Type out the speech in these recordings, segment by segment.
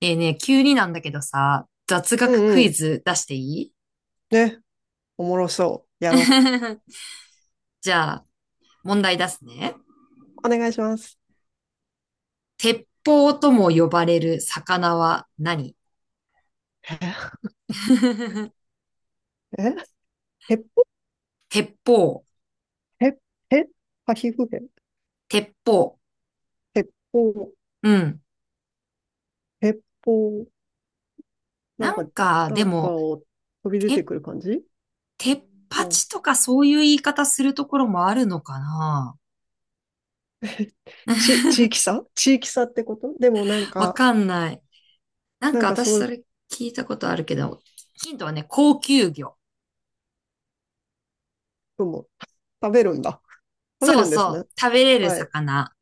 ね、急になんだけどさ、雑う学クんうイん。ズ出していい？ ね。おもろそう。やろ じゃあ、問題出すね。う。お願いします。鉄砲とも呼ばれる魚は何？ え、鉄砲。鉄砲、鉄、え、パヒフヘ。鉄砲。鉄砲、うん。鉄砲。なんなか、んか、なでんかも、を飛び出て鉄、くる感じ。鉄うパん。チとかそういう言い方するところもあるのかな？ 地域 差地域差ってことでも、なんわか、かんない。なんなんかか私そういそうれ聞いたことあるけど、ヒントはね、高級魚。のも 食べるんだ。食べそうるんですそね。う、食べれるはい。魚。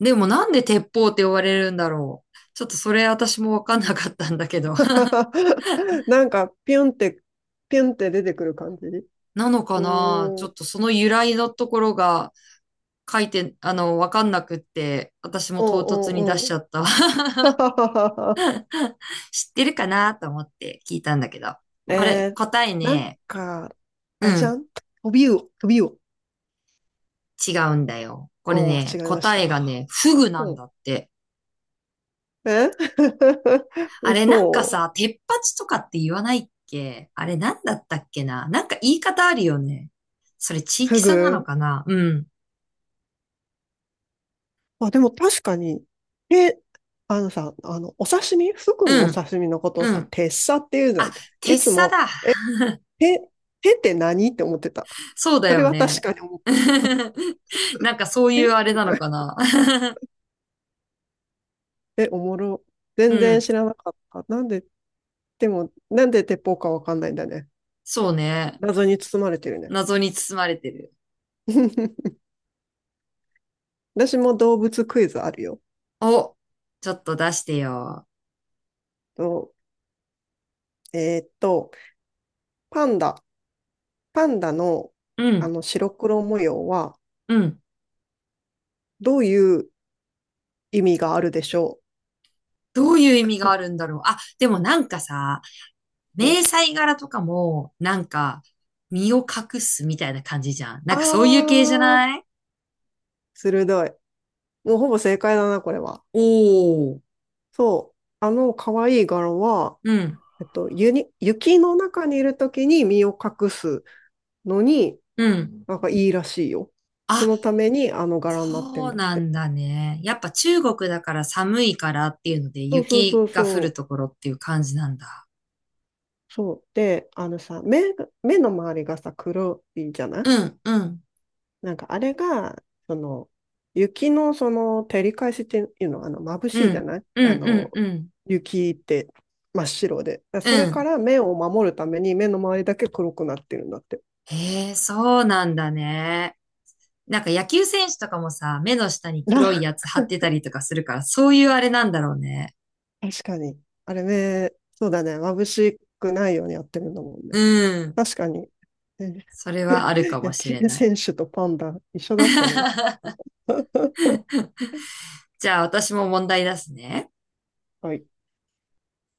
でもなんで鉄砲って呼ばれるんだろう。ちょっとそれ私もわかんなかったんだけど。なんか、ピュンって、ピュンって出てくる感じ。うなのーかなちん。ょうんっとその由来のところが書いて、わかんなくって、私もう唐突に出んしうちん。ゃったわ。知ってるかなと思って聞いたんだけど。これ、えー、答えなんね、か、あうれじゃん、ん、飛び魚、飛び魚。違うんだよ。これおお、違ね、いまし答た。えがね、フグなんうん。だって。え。 あれなんか嘘。さ、鉄八とかって言わないっけあれなんだったっけななんか言い方あるよね。それ地フ域差なのグ。かなうん。あ、でも確かに、え、あのさ、あの、お刺身、フグのうおん、刺身のことをうさ、ん。鉄砂って言うじゃあ、ん。い鉄つ砂も、だ。え、手、手って何って思ってた。そうだそれよは確ね。かに思ってた。なんかそうえいうあれみなたいのな。かな。え、おもろ。う全然ん。知らなかった。なんで、でも、なんで鉄砲かわかんないんだね。そうね。謎に包まれてるね。謎に包まれてる。私も動物クイズあるよ。お、ちょっと出してよ。と、えーっと、パンダ。パンダのうあん、の白黒模様はうん。どういう意味があるでしょどういう意味があるんだろう。あ、でもなんかさ、う。迷彩柄とかも、なんか、身を隠すみたいな感じじゃん。なあんかそういう系じゃー、ない？鋭い。もうほぼ正解だな、これは。おー。そう。あの可愛い柄は、うん、ゆに雪の中にいるときに身を隠すのに、うん。なんかいいらしいよ。そあ、のためにあの柄になってそんうだっなて。んだね。やっぱ中国だから寒いからっていうのでそうそう雪そうが降るそう。ところっていう感じなんだ。そう。で、あのさ、目が、目の周りがさ、黒いじゃない。うん、うん、なんかあれが、その、雪のその照り返しっていうの、あの、眩しういじゃん、ない、うあん、うん、の、うん、雪って真っ白で。だうそれかん。ら目を守るために目の周りだけ黒くなってるんだって。へえ、そうなんだね。なんか野球選手とかもさ、目の下に 黒いあ、やつ貼ってたりとかするから、そういうあれなんだろうね。確かに。あれ目、そうだね。眩しくないようにやってるんだもんね。うん。確かに。ね。それはあるかも野し球れない。選手とパンダ一緒だったの。じゃあ私も問題出すね。はい。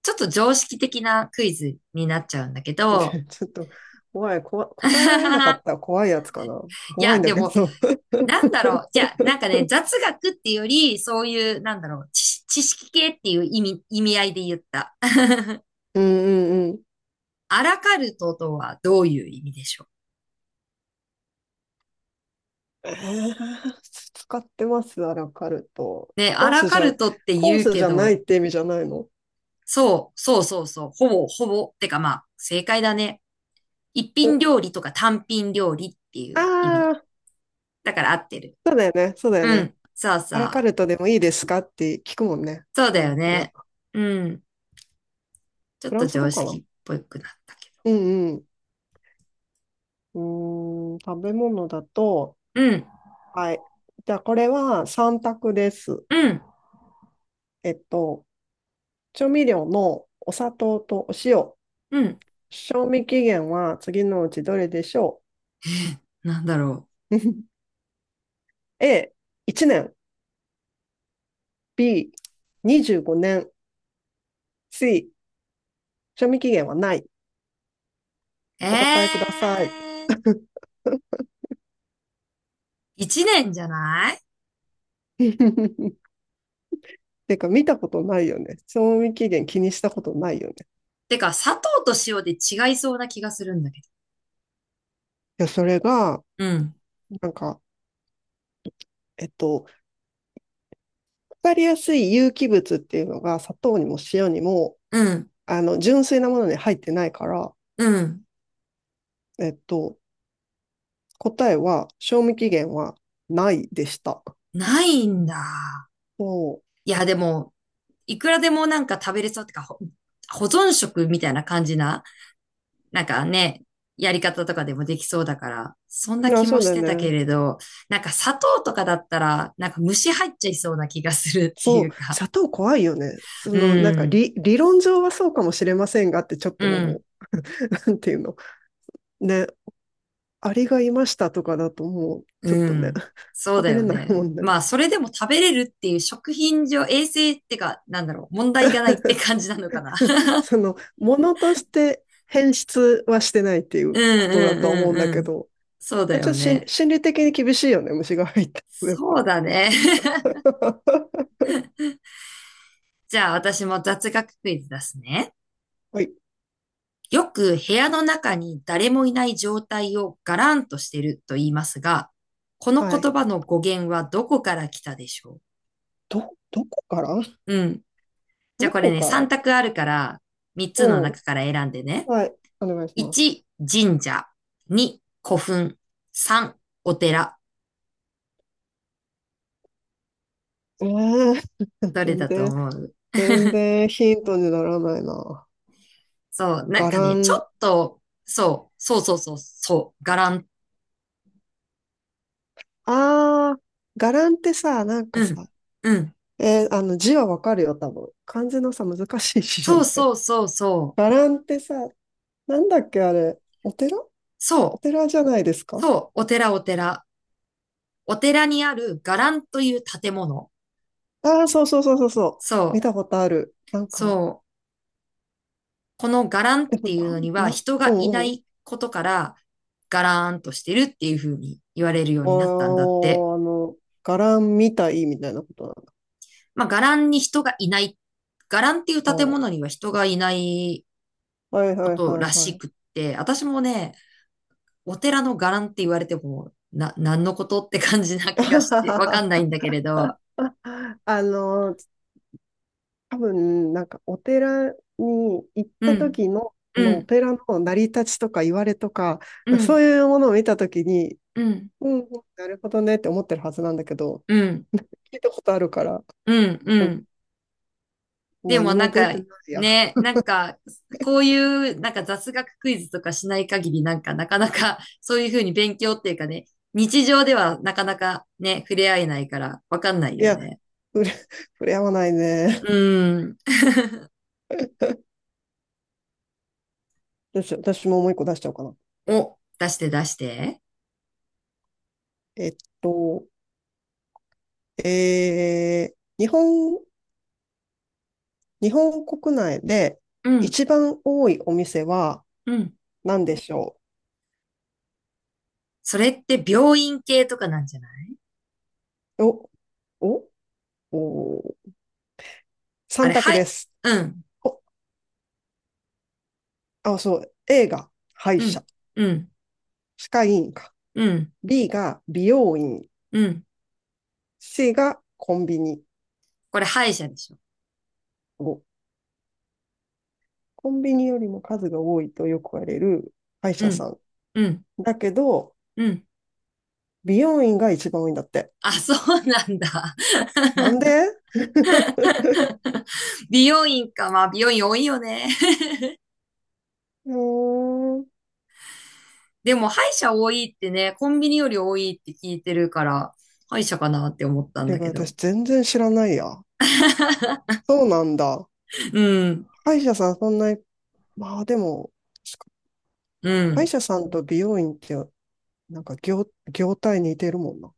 ちょっと常識的なクイズになっちゃうんだけ ど、ちょっと怖い、こわ、答えられなか ったら怖いやつかな。い怖いや、んだでけもど。なんだろう。じゃあ、なんかね、雑学っていうより、そういう、なんだろう、知識系っていう意味、意味合いで言った。うんうんうん。アラカルトとはどういう意味でしょえー、使ってます、アラカルト。う？ね、アコーラスカじゃ、ルトってコー言うスけじゃないど、って意味じゃないの。そう、そうそうそう、ほぼ、ほぼ、てかまあ、正解だね。一お、品料理とか単品料理っていう意あ味。あ、だから合ってる。そうだよね、そうだようね。ん、そうそアラカう。ルトでもいいですかって聞くもんね。そううだん、よよかっね。た。うん。ちょフっラとンス常語か識な。っぽくなったけど。うんうん。うーん、食べ物だと、うん、はい。じゃあ、これは3択です。うん、えっと、調味料のお砂糖とお塩、うん。賞味期限は次のうちどれでしょなんだろう。 ?A、1年、B、25年、C、賞味期限はない。う。お答えください。ー。一年じゃない？ てか、見たことないよね。賞味期限気にしたことないよね。てか、砂糖と塩で違いそうな気がするんだけどいや、それが、うん。なんか、えっと、わかりやすい有機物っていうのが砂糖にも塩にも、うん、あの、純粋なものに入ってないから、うん。えっと、答えは、賞味期限はないでした。ないんだ。そいや、でも、いくらでもなんか食べれそうってか、保存食みたいな感じな、なんかね、やり方とかでもできそうだから、そんなう。あ、気そもうだしよてたけね。れど、なんか砂糖とかだったら、なんか虫入っちゃいそうな気がするってそいう。うか。砂糖怖いよね。そうの、なんかん、理、理論上はそうかもしれませんがってちょっうと思ん。う。なんていうの。ね。アリがいましたとかだともう、ちょっうとね、ん。そう食だべれよないもね。んね。まあ、それでも食べれるっていう食品上、衛生ってか、なんだろう、問題がないって感じなのかな。その、ものとして変質はしてないっていううことだとん思ううんうんだんうけん。ど、そうだまあちょっよとね。心理的に厳しいよね、虫が入ったら。そうだね。じゃあ私も雑学クイズ出すね。はい。よく部屋の中に誰もいない状態をガランとしてると言いますが、このはい。言葉の語源はどこから来たでしょど、どこからう？うん。じゃどあこれこね、か3ら択あるから、3つのうん。中から選んでね。はい。お願いします。1、神社。2、古墳。3、お寺。えー、どれ全だと然、思う？ 全 然ヒントにならないな。そう、なんガかラね、ちょっン。と、そう、そうそうそう、そう、伽藍。あー、ガランってさ、なんかうん、さ、うん。えーあの字はわかるよ、多分。漢字のさ、難しい字じゃそなうい。そうそう そう。ガランってさ、なんだっけ、あれ。お寺、そうラン、うんうおん寺じゃないですか。そう、お寺お寺。お寺にある伽藍という建物。ああー、そうそうそうそうそう。見そう、たことある。なんか、そう。この伽藍っでても、いうなのん、にはな、人うがいなんうん。いことから、ガラーンとしてるっていう風に言われるようになったんだって。おー、あの、ガランみたいみたいなことなまあ、伽藍に人がいない、伽藍っていうの。建お物にー、は人がいないはいこはいとはらいはしい。くって、私もね、お寺の伽藍って言われても、何のことって感じな気がして、わかんない んだけれど、あの、多分、なんかお寺に行っうた時ん、の、こうのおん、寺の成り立ちとか言われとか、うそん、ういうものを見た時に、うん、うんうん、なるほどねって思ってるはずなんだけど、うん、聞いたことあるから、うん、うでもん。で何もなもん覚えか、てないや。ね、なんか、こういう、なんか雑学クイズとかしない限り、なんか、なかなか、そういうふうに勉強っていうかね、日常ではなかなかね、触れ合えないから、わかんないいよや、ね。触れ、触れ合わないね。うん。どうしよう、私ももう一個出しちゃおうかな。お、出して出して。えっと、えー、日本、日本国内でうん、一番多いお店はうん。何でしょそれって病院系とかなんじゃない？う。お、おお、あ3れ、択はでい、す。うん、お、あ、そう。A が歯医うん、者。うん、歯科医院か。うん、B が美容院。うん。C がコンビニ。これ歯医者でしょ？コンビニよりも数が多いとよく言われる歯医う者ん、さん。うん、だけど、うん。美容院が一番多いんだって。あ、そうなんだ。なんで。 美容院か。まあ、美容院多いよね。もう、でも、歯医者多いってね、コンビニより多いって聞いてるから、歯医者かなって思ったんてだかけど。私全然知らないや。そうなんだ。うん、歯医者さんそんなに、まあでも、う歯医ん。者さんと美容院って、なんか業、業態似てるもんな。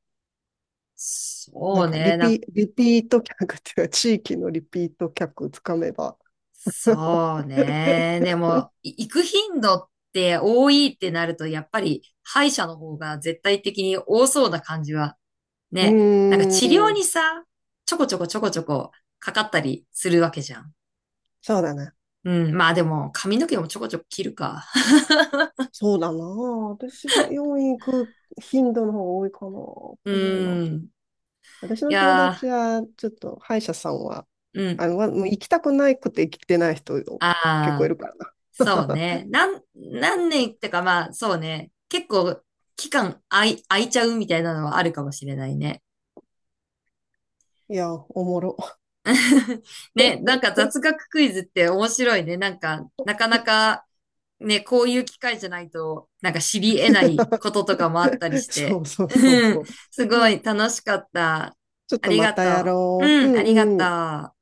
なそんうかリね。ピ、リピート客っていうか、地域のリピート客つかめば。そうね。でも、行く頻度って多いってなると、やっぱり歯医者の方が絶対的に多そうな感じは、うね。なんか治ー療ん、にさ、ちょこちょこちょこちょこかかったりするわけじゃん。そうだね。うん。まあでも、髪の毛もちょこちょこ切るか。そうだな。私、美容院行く頻度の方が多いかな。わ うかんないな。ん。私いの友や達は、ちょっと歯医者さんは、ー、うん。あの、わもう行きたくないくて行きてない人結構いああ、るからな。そう ね。何年ってかまあ、そうね。結構、期間空いちゃうみたいなのはあるかもしれないね。いや、おもろ。ね、なんか雑学クイズって面白いね。なんか、なかなかね、こういう機会じゃないと、なんか知り得ない こととかもあったりしそて。うそ うそううそん、う。すごい楽しかった。ちょっあとりまがたやとう。ろう。ううん、ありがんうとん。う。